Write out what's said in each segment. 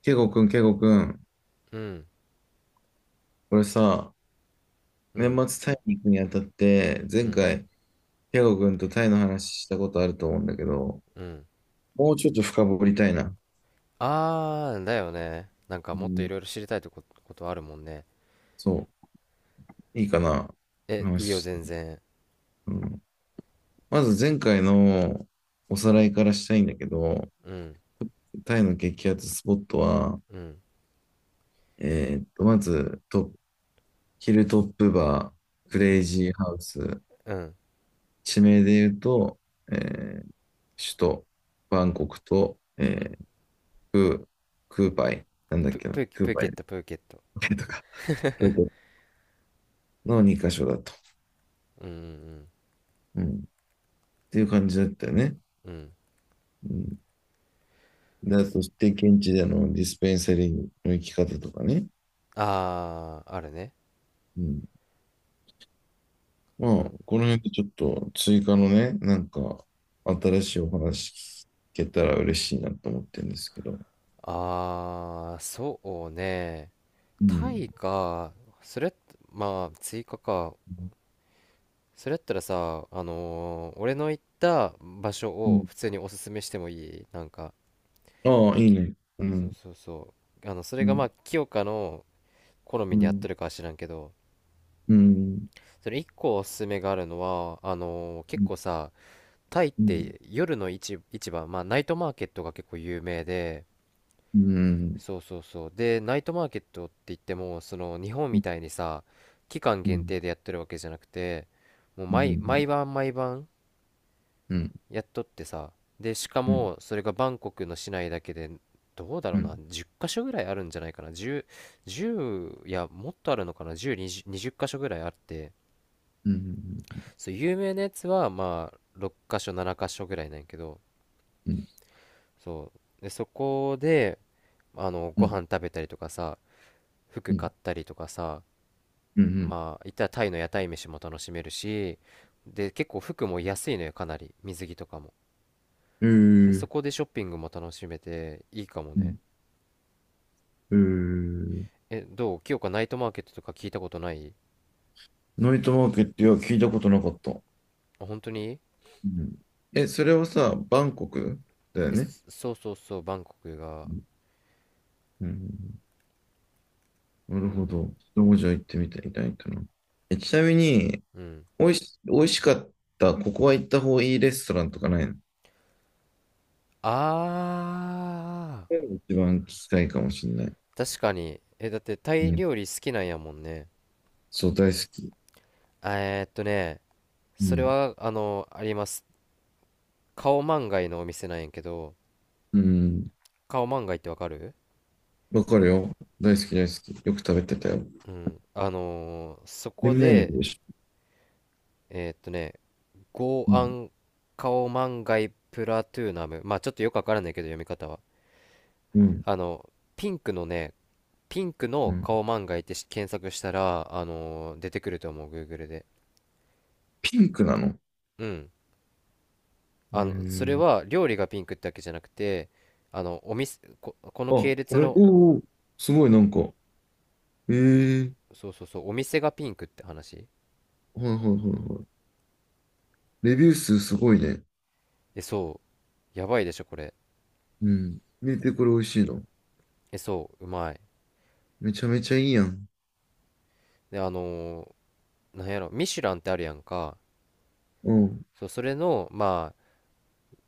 ケイゴくん、ケイゴくん、うん、これさ、う年ん、末タイに行くにあたって、う前ん、回、ケイゴくんとタイの話したことあると思うんだけど、うん。もうちょっと深掘りたいな。だよね。なんかうもっといん、ろいろ知りたいことあるもんね。そう、いいかな、え、いいよ、話し全て。然。うん、まず前回のおさらいからしたいんだけど、うん、タイの激アツスポットは、うん、まずトップ、ヒルトップバー、クレイジーハウス、うん、地名で言うと、えー首都、バンコクと、うん。クーパイ、なんだっけな、クーパイプーケット。とか、クートの2箇所だと。うん、うん、っていう感じだったよね。うん。うんうあと、して現地でのディスペンサリーの行き方とかね。あー、あるね。まうあ、ん。この辺でちょっと追加のね、新しいお話聞けたら嬉しいなと思ってるんですけど。そうね。うタん。イか、それ、まあ、追加か。それやったらさ、俺の行った場所うをん。普通におすすめしてもいい、なんか。ああ、いいね。うそうん。そうそう。それうがまん。あ清香の好みうに合ってん。るかは知らんけど、うん。それ一個おすすめがあるのは、う結ん。構さ、タイっうん。て夜の市場、まあナイトマーケットが結構有名で、うん。そうそうそう、でナイトマーケットって言ってもその日本みたいにさ、期間う限ん。定でやってるわけじゃなくて、もうう毎ん。晩毎晩うん。やっとってさ、でしかうん。うん。もそれがバンコクの市内だけで、どうだろううな、ん。10箇所ぐらいあるんじゃないかな。10、じゅう、いやもっとあるのかな。10、20、20箇所ぐらいあって、うん。そう、有名なやつはまあ6箇所7箇所ぐらいなんやけど、うん、そうで、そこでうごん、飯食べたりとかさ、服うん、買ったりとかさ、うん、まあいったらタイの屋台飯も楽しめるし、で結構服も安いのよ、かなり、水着とかも、うん。えでそーこでショッピングも楽しめていいかもね。ん、えーん、え、どう、清香、ナイトマーケットとか聞いたことない？ナイトマーケット、いや、聞いたことなかった。あ、本当に？うん。え、それはさ、バンコクだよえ、ね。そうそうそう、バンコクが。うん。うんなうるほん。ど。そこじゃ行ってみてみたいかな。え、ちなみに、うん。おいしかった、ここは行った方がいいレストランとかないのそあういうの一番聞きたいかもしれない。確かに。え、だってタうイん。料理好きなんやもんね。そう、大好き。あえーっとね、うそれん。は、あの、あります。カオマンガイのお店なんやけど、うん。カオマンガイってわかる？わかるよ。大好き、大好き。よく食べてたよ。うん。そで、こ何行くで、でしえーっとね、ゴょ。うーアん。ンカオマンガイプラトゥーナム。まあちょっとよくわからないけど、読み方は。うん。あの、ピンクのね、ピンクうのん顔漫画いって検索したら、出てくると思う、Google で。ピンクなのうん。うーあの、それん。は料理がピンクってわけじゃなくて、お店、このあ、系こ列れ、の、おーおー、すごいなんか、ええー、そうそうそう、お店がピンクって話。はいはいはいはい。レビュー数すごいね。え、そう、やばいでしょ、これ。うん。見てこれ美味しいの。え、そう、うまい。めちゃめちゃいいやん。で、なんやろ、ミシュランってあるやんか。うん、そう、それの、ま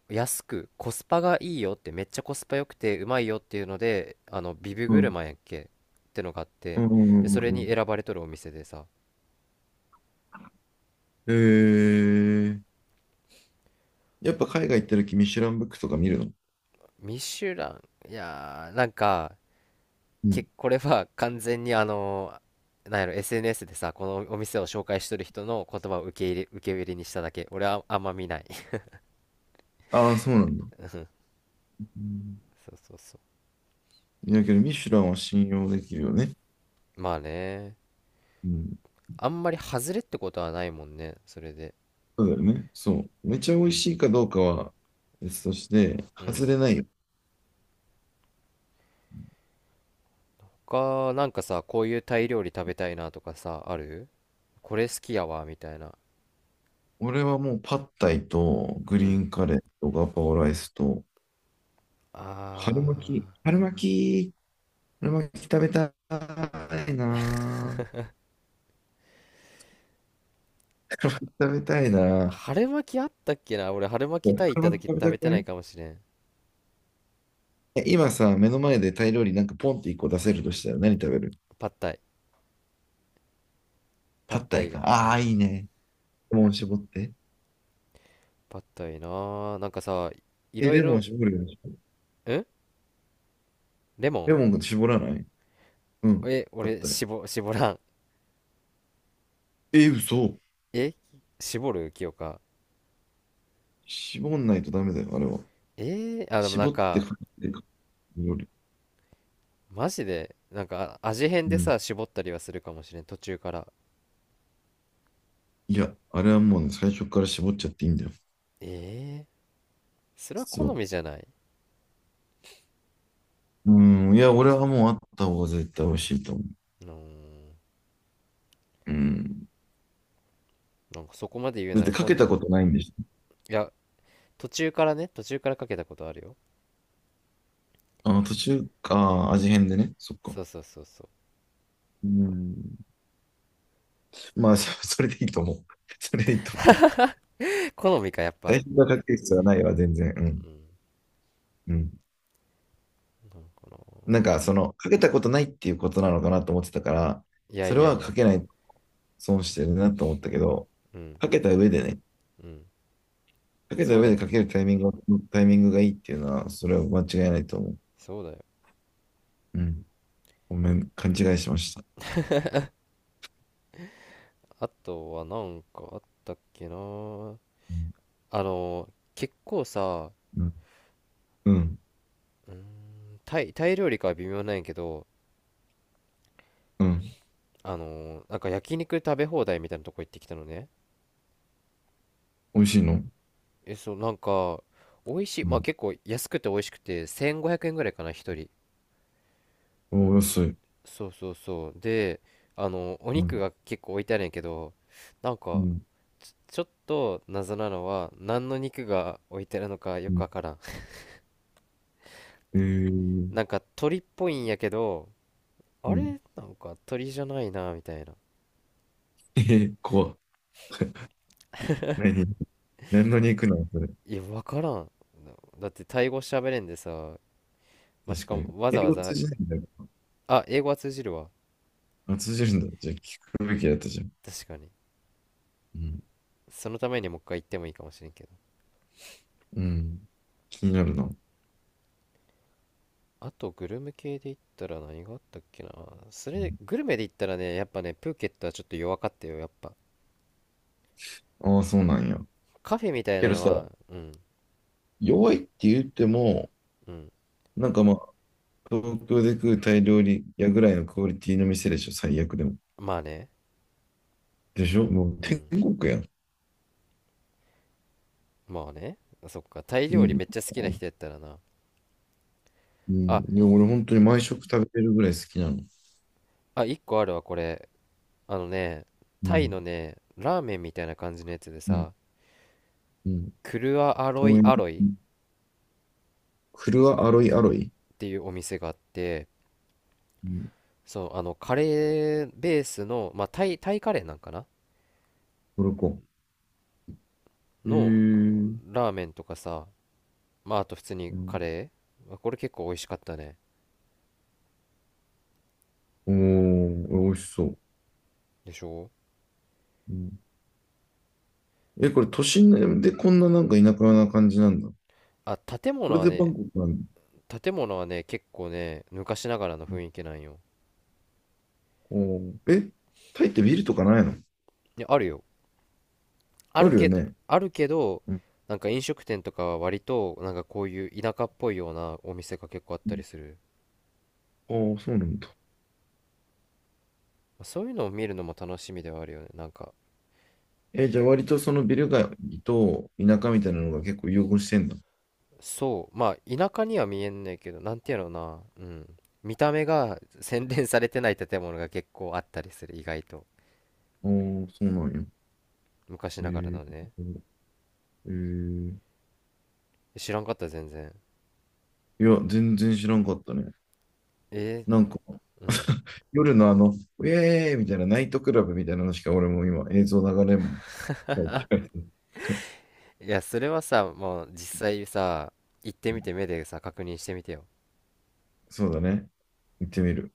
あ、安く、コスパがいいよって、めっちゃコスパ良くて、うまいよっていうので、ビブうグルん、マンやっけってのがあっうて、ん、うで、ん、それうにん。選ばれとるお店でさ、ええー、やっぱ海外行った時ミシュランブックとか見るのミシュラン、いやー、なんか、うん。これは完全になんやろ、SNS でさ、このお店を紹介しとる人の言葉を受け売りにしただけ。俺はあんま見ない。ああ、そうなんだ。うん そうそうそいやけど、ミシュランは信用できるよね。う。まあね、うん。あんまり外れってことはないもんね、それで。そうだよね。そう。めちゃ美味しいかどうかは別として、う外ん。れないよ。他、なんかさ、こういうタイ料理食べたいなとかさ、ある？これ好きやわ、みたいな。俺はもうパッタイとグうリーん。ンカレーとガパオライスと春あ巻き、き、春巻き食べたいなぁ。食べたいなぁ。春巻きあったっけな。俺、春巻き春タイ行った巻時き食食べたべくてなないいかもしれん。え今さ、目の前でタイ料理なんかポンって一個出せるとしたら何食べるパッタイ。パパッッタタイイ以外。か。うああ、いん。いね。レモン絞って。パッタイなー、なんかさ、いえ、ろいレろモん、ン絞るよね。レレモモン絞らないうん、ン、パッ俺タイ。絞らん。え、嘘。え絞る、清香？絞んないとダメだよ、あれは。あ、でもな絞んってかかけてか料理。マジでなんか、味変でうん。さ絞ったりはするかもしれん、途中から。いや、あれはもうね、最初から絞っちゃっていいんだよ。えー、それは実好は。みじゃない。うん、いや、俺はもうあった方が絶対美味しいと思うーん、う。うん。なんかそこまで言うだっならてか今けたこ度。とないんでしょ。いや、途中からね、途中からかけたことあるよ。あ、途中か、味変でね。そっか。そうそうそうそうん。まあ、そ それでいいと思う。それでいいと思う。う。 好みかやっ最ぱ。初からかける必要はないわ、全然。ううん。ん。うん。なんかな。なんか、その、かけたことないっていうことなのかなと思ってたから、いやそいれやいはや。かけないと損してるなと思ったけど、うん、かけた上でね、うん。かけたそう上だでよ、かけるタイミング、タイミングがいいっていうのは、それは間違いないと思う。そうだよ。うん。ごめん、勘違いしました。あとはなんかあったっけな、うん。あの結構さ、うん。タイ料理かは微妙なんやけど、うん。なんか焼肉食べ放題みたいなとこ行ってきたのね。美味しいのえ、そう、なんか美味しい、うまあん。結構安くて美味しくて1500円ぐらいかな、一人。おー、安い。そうそうそう、でおう肉ん。が結構置いてあるんやけど、なんうかん。ちょっと謎なのは、何の肉が置いてあるのかようくん。わからん。 えー、なんか鳥っぽいんやけど、うあれん。なんか鳥じゃないなみたいな。えー、怖っ。何何のわ肉なのそれ。いや分からん。だってタイ語喋れんでさ、まあ、し確かかもに。わ英ざわ語ざ。通じないんだよ。あ、英語は通じるわ。あ、通じるんだ。じゃあ聞くべきだったじゃん。確かに、うん。そのためにもう一回行ってもいいかもしれんけど。うん。気になるな。うあとグルメ系で言ったら何があったっけな。それで、んグルメで言ったらね、やっぱね、プーケットはちょっと弱かったよ、やっぱ。ああ、そうなんや。カフェみたいけなどのさ、は、うん。弱いって言っても、うん、なんかまあ、東京で食うタイ料理屋ぐらいのクオリティの店でしょ、最悪でも。まあね。でしょもうう天ん、国やん。まあね。そっか、タイい料理い、めっちゃ好きな人やったらな。うん。あいや俺本当に毎食食べてるぐらい好きなの。あ、1個あるわこれ。あのね、うタイん、のね、ラーメンみたいな感じのやつでうん、さ、うん。クルアアロイ豆苗、アロイっクルアアロイアロイ。ていうお店があって、うん、そう、カレーベースの、まあ、タイカレーなんかなトルコ。へえ。のうラーメンとかさ、まあ、あと普通にカん、レー、まあこれ結構美味しかったね。おー、美味しそう。でしょ。うん、え、これ都心でこんななんか田舎な感じなんだ。あ、建こ物れはでバね、ンコクなんだ。建物はね結構ね昔ながらの雰囲気なんよ。おー、え、タイってビルとかないのいやあるよ。ああるるよけどね。あるけどうん。なんか飲食店とかは割となんかこういう田舎っぽいようなお店が結構あったりする。ああ、そうなんだ。まあそういうのを見るのも楽しみではあるよね、なんか。え、じゃあ割とそのビル街と田舎みたいなのが結構融合してんだ。そう、まあ田舎には見えんねんけど、なんていうのな、うん、見た目が洗練されてない建物が結構あったりする、意外と。ああ、そうなんや。昔へながらえのね。ー。えー、知らんかった全然。いや、全然知らんかったね。えなんか、うん。夜のあの、ウェーイみたいなナイトクラブみたいなのしか俺も今映像流れも。はい いやそれはさもう実際さ行ってみて目でさ確認してみてよ そうだね。行ってみる。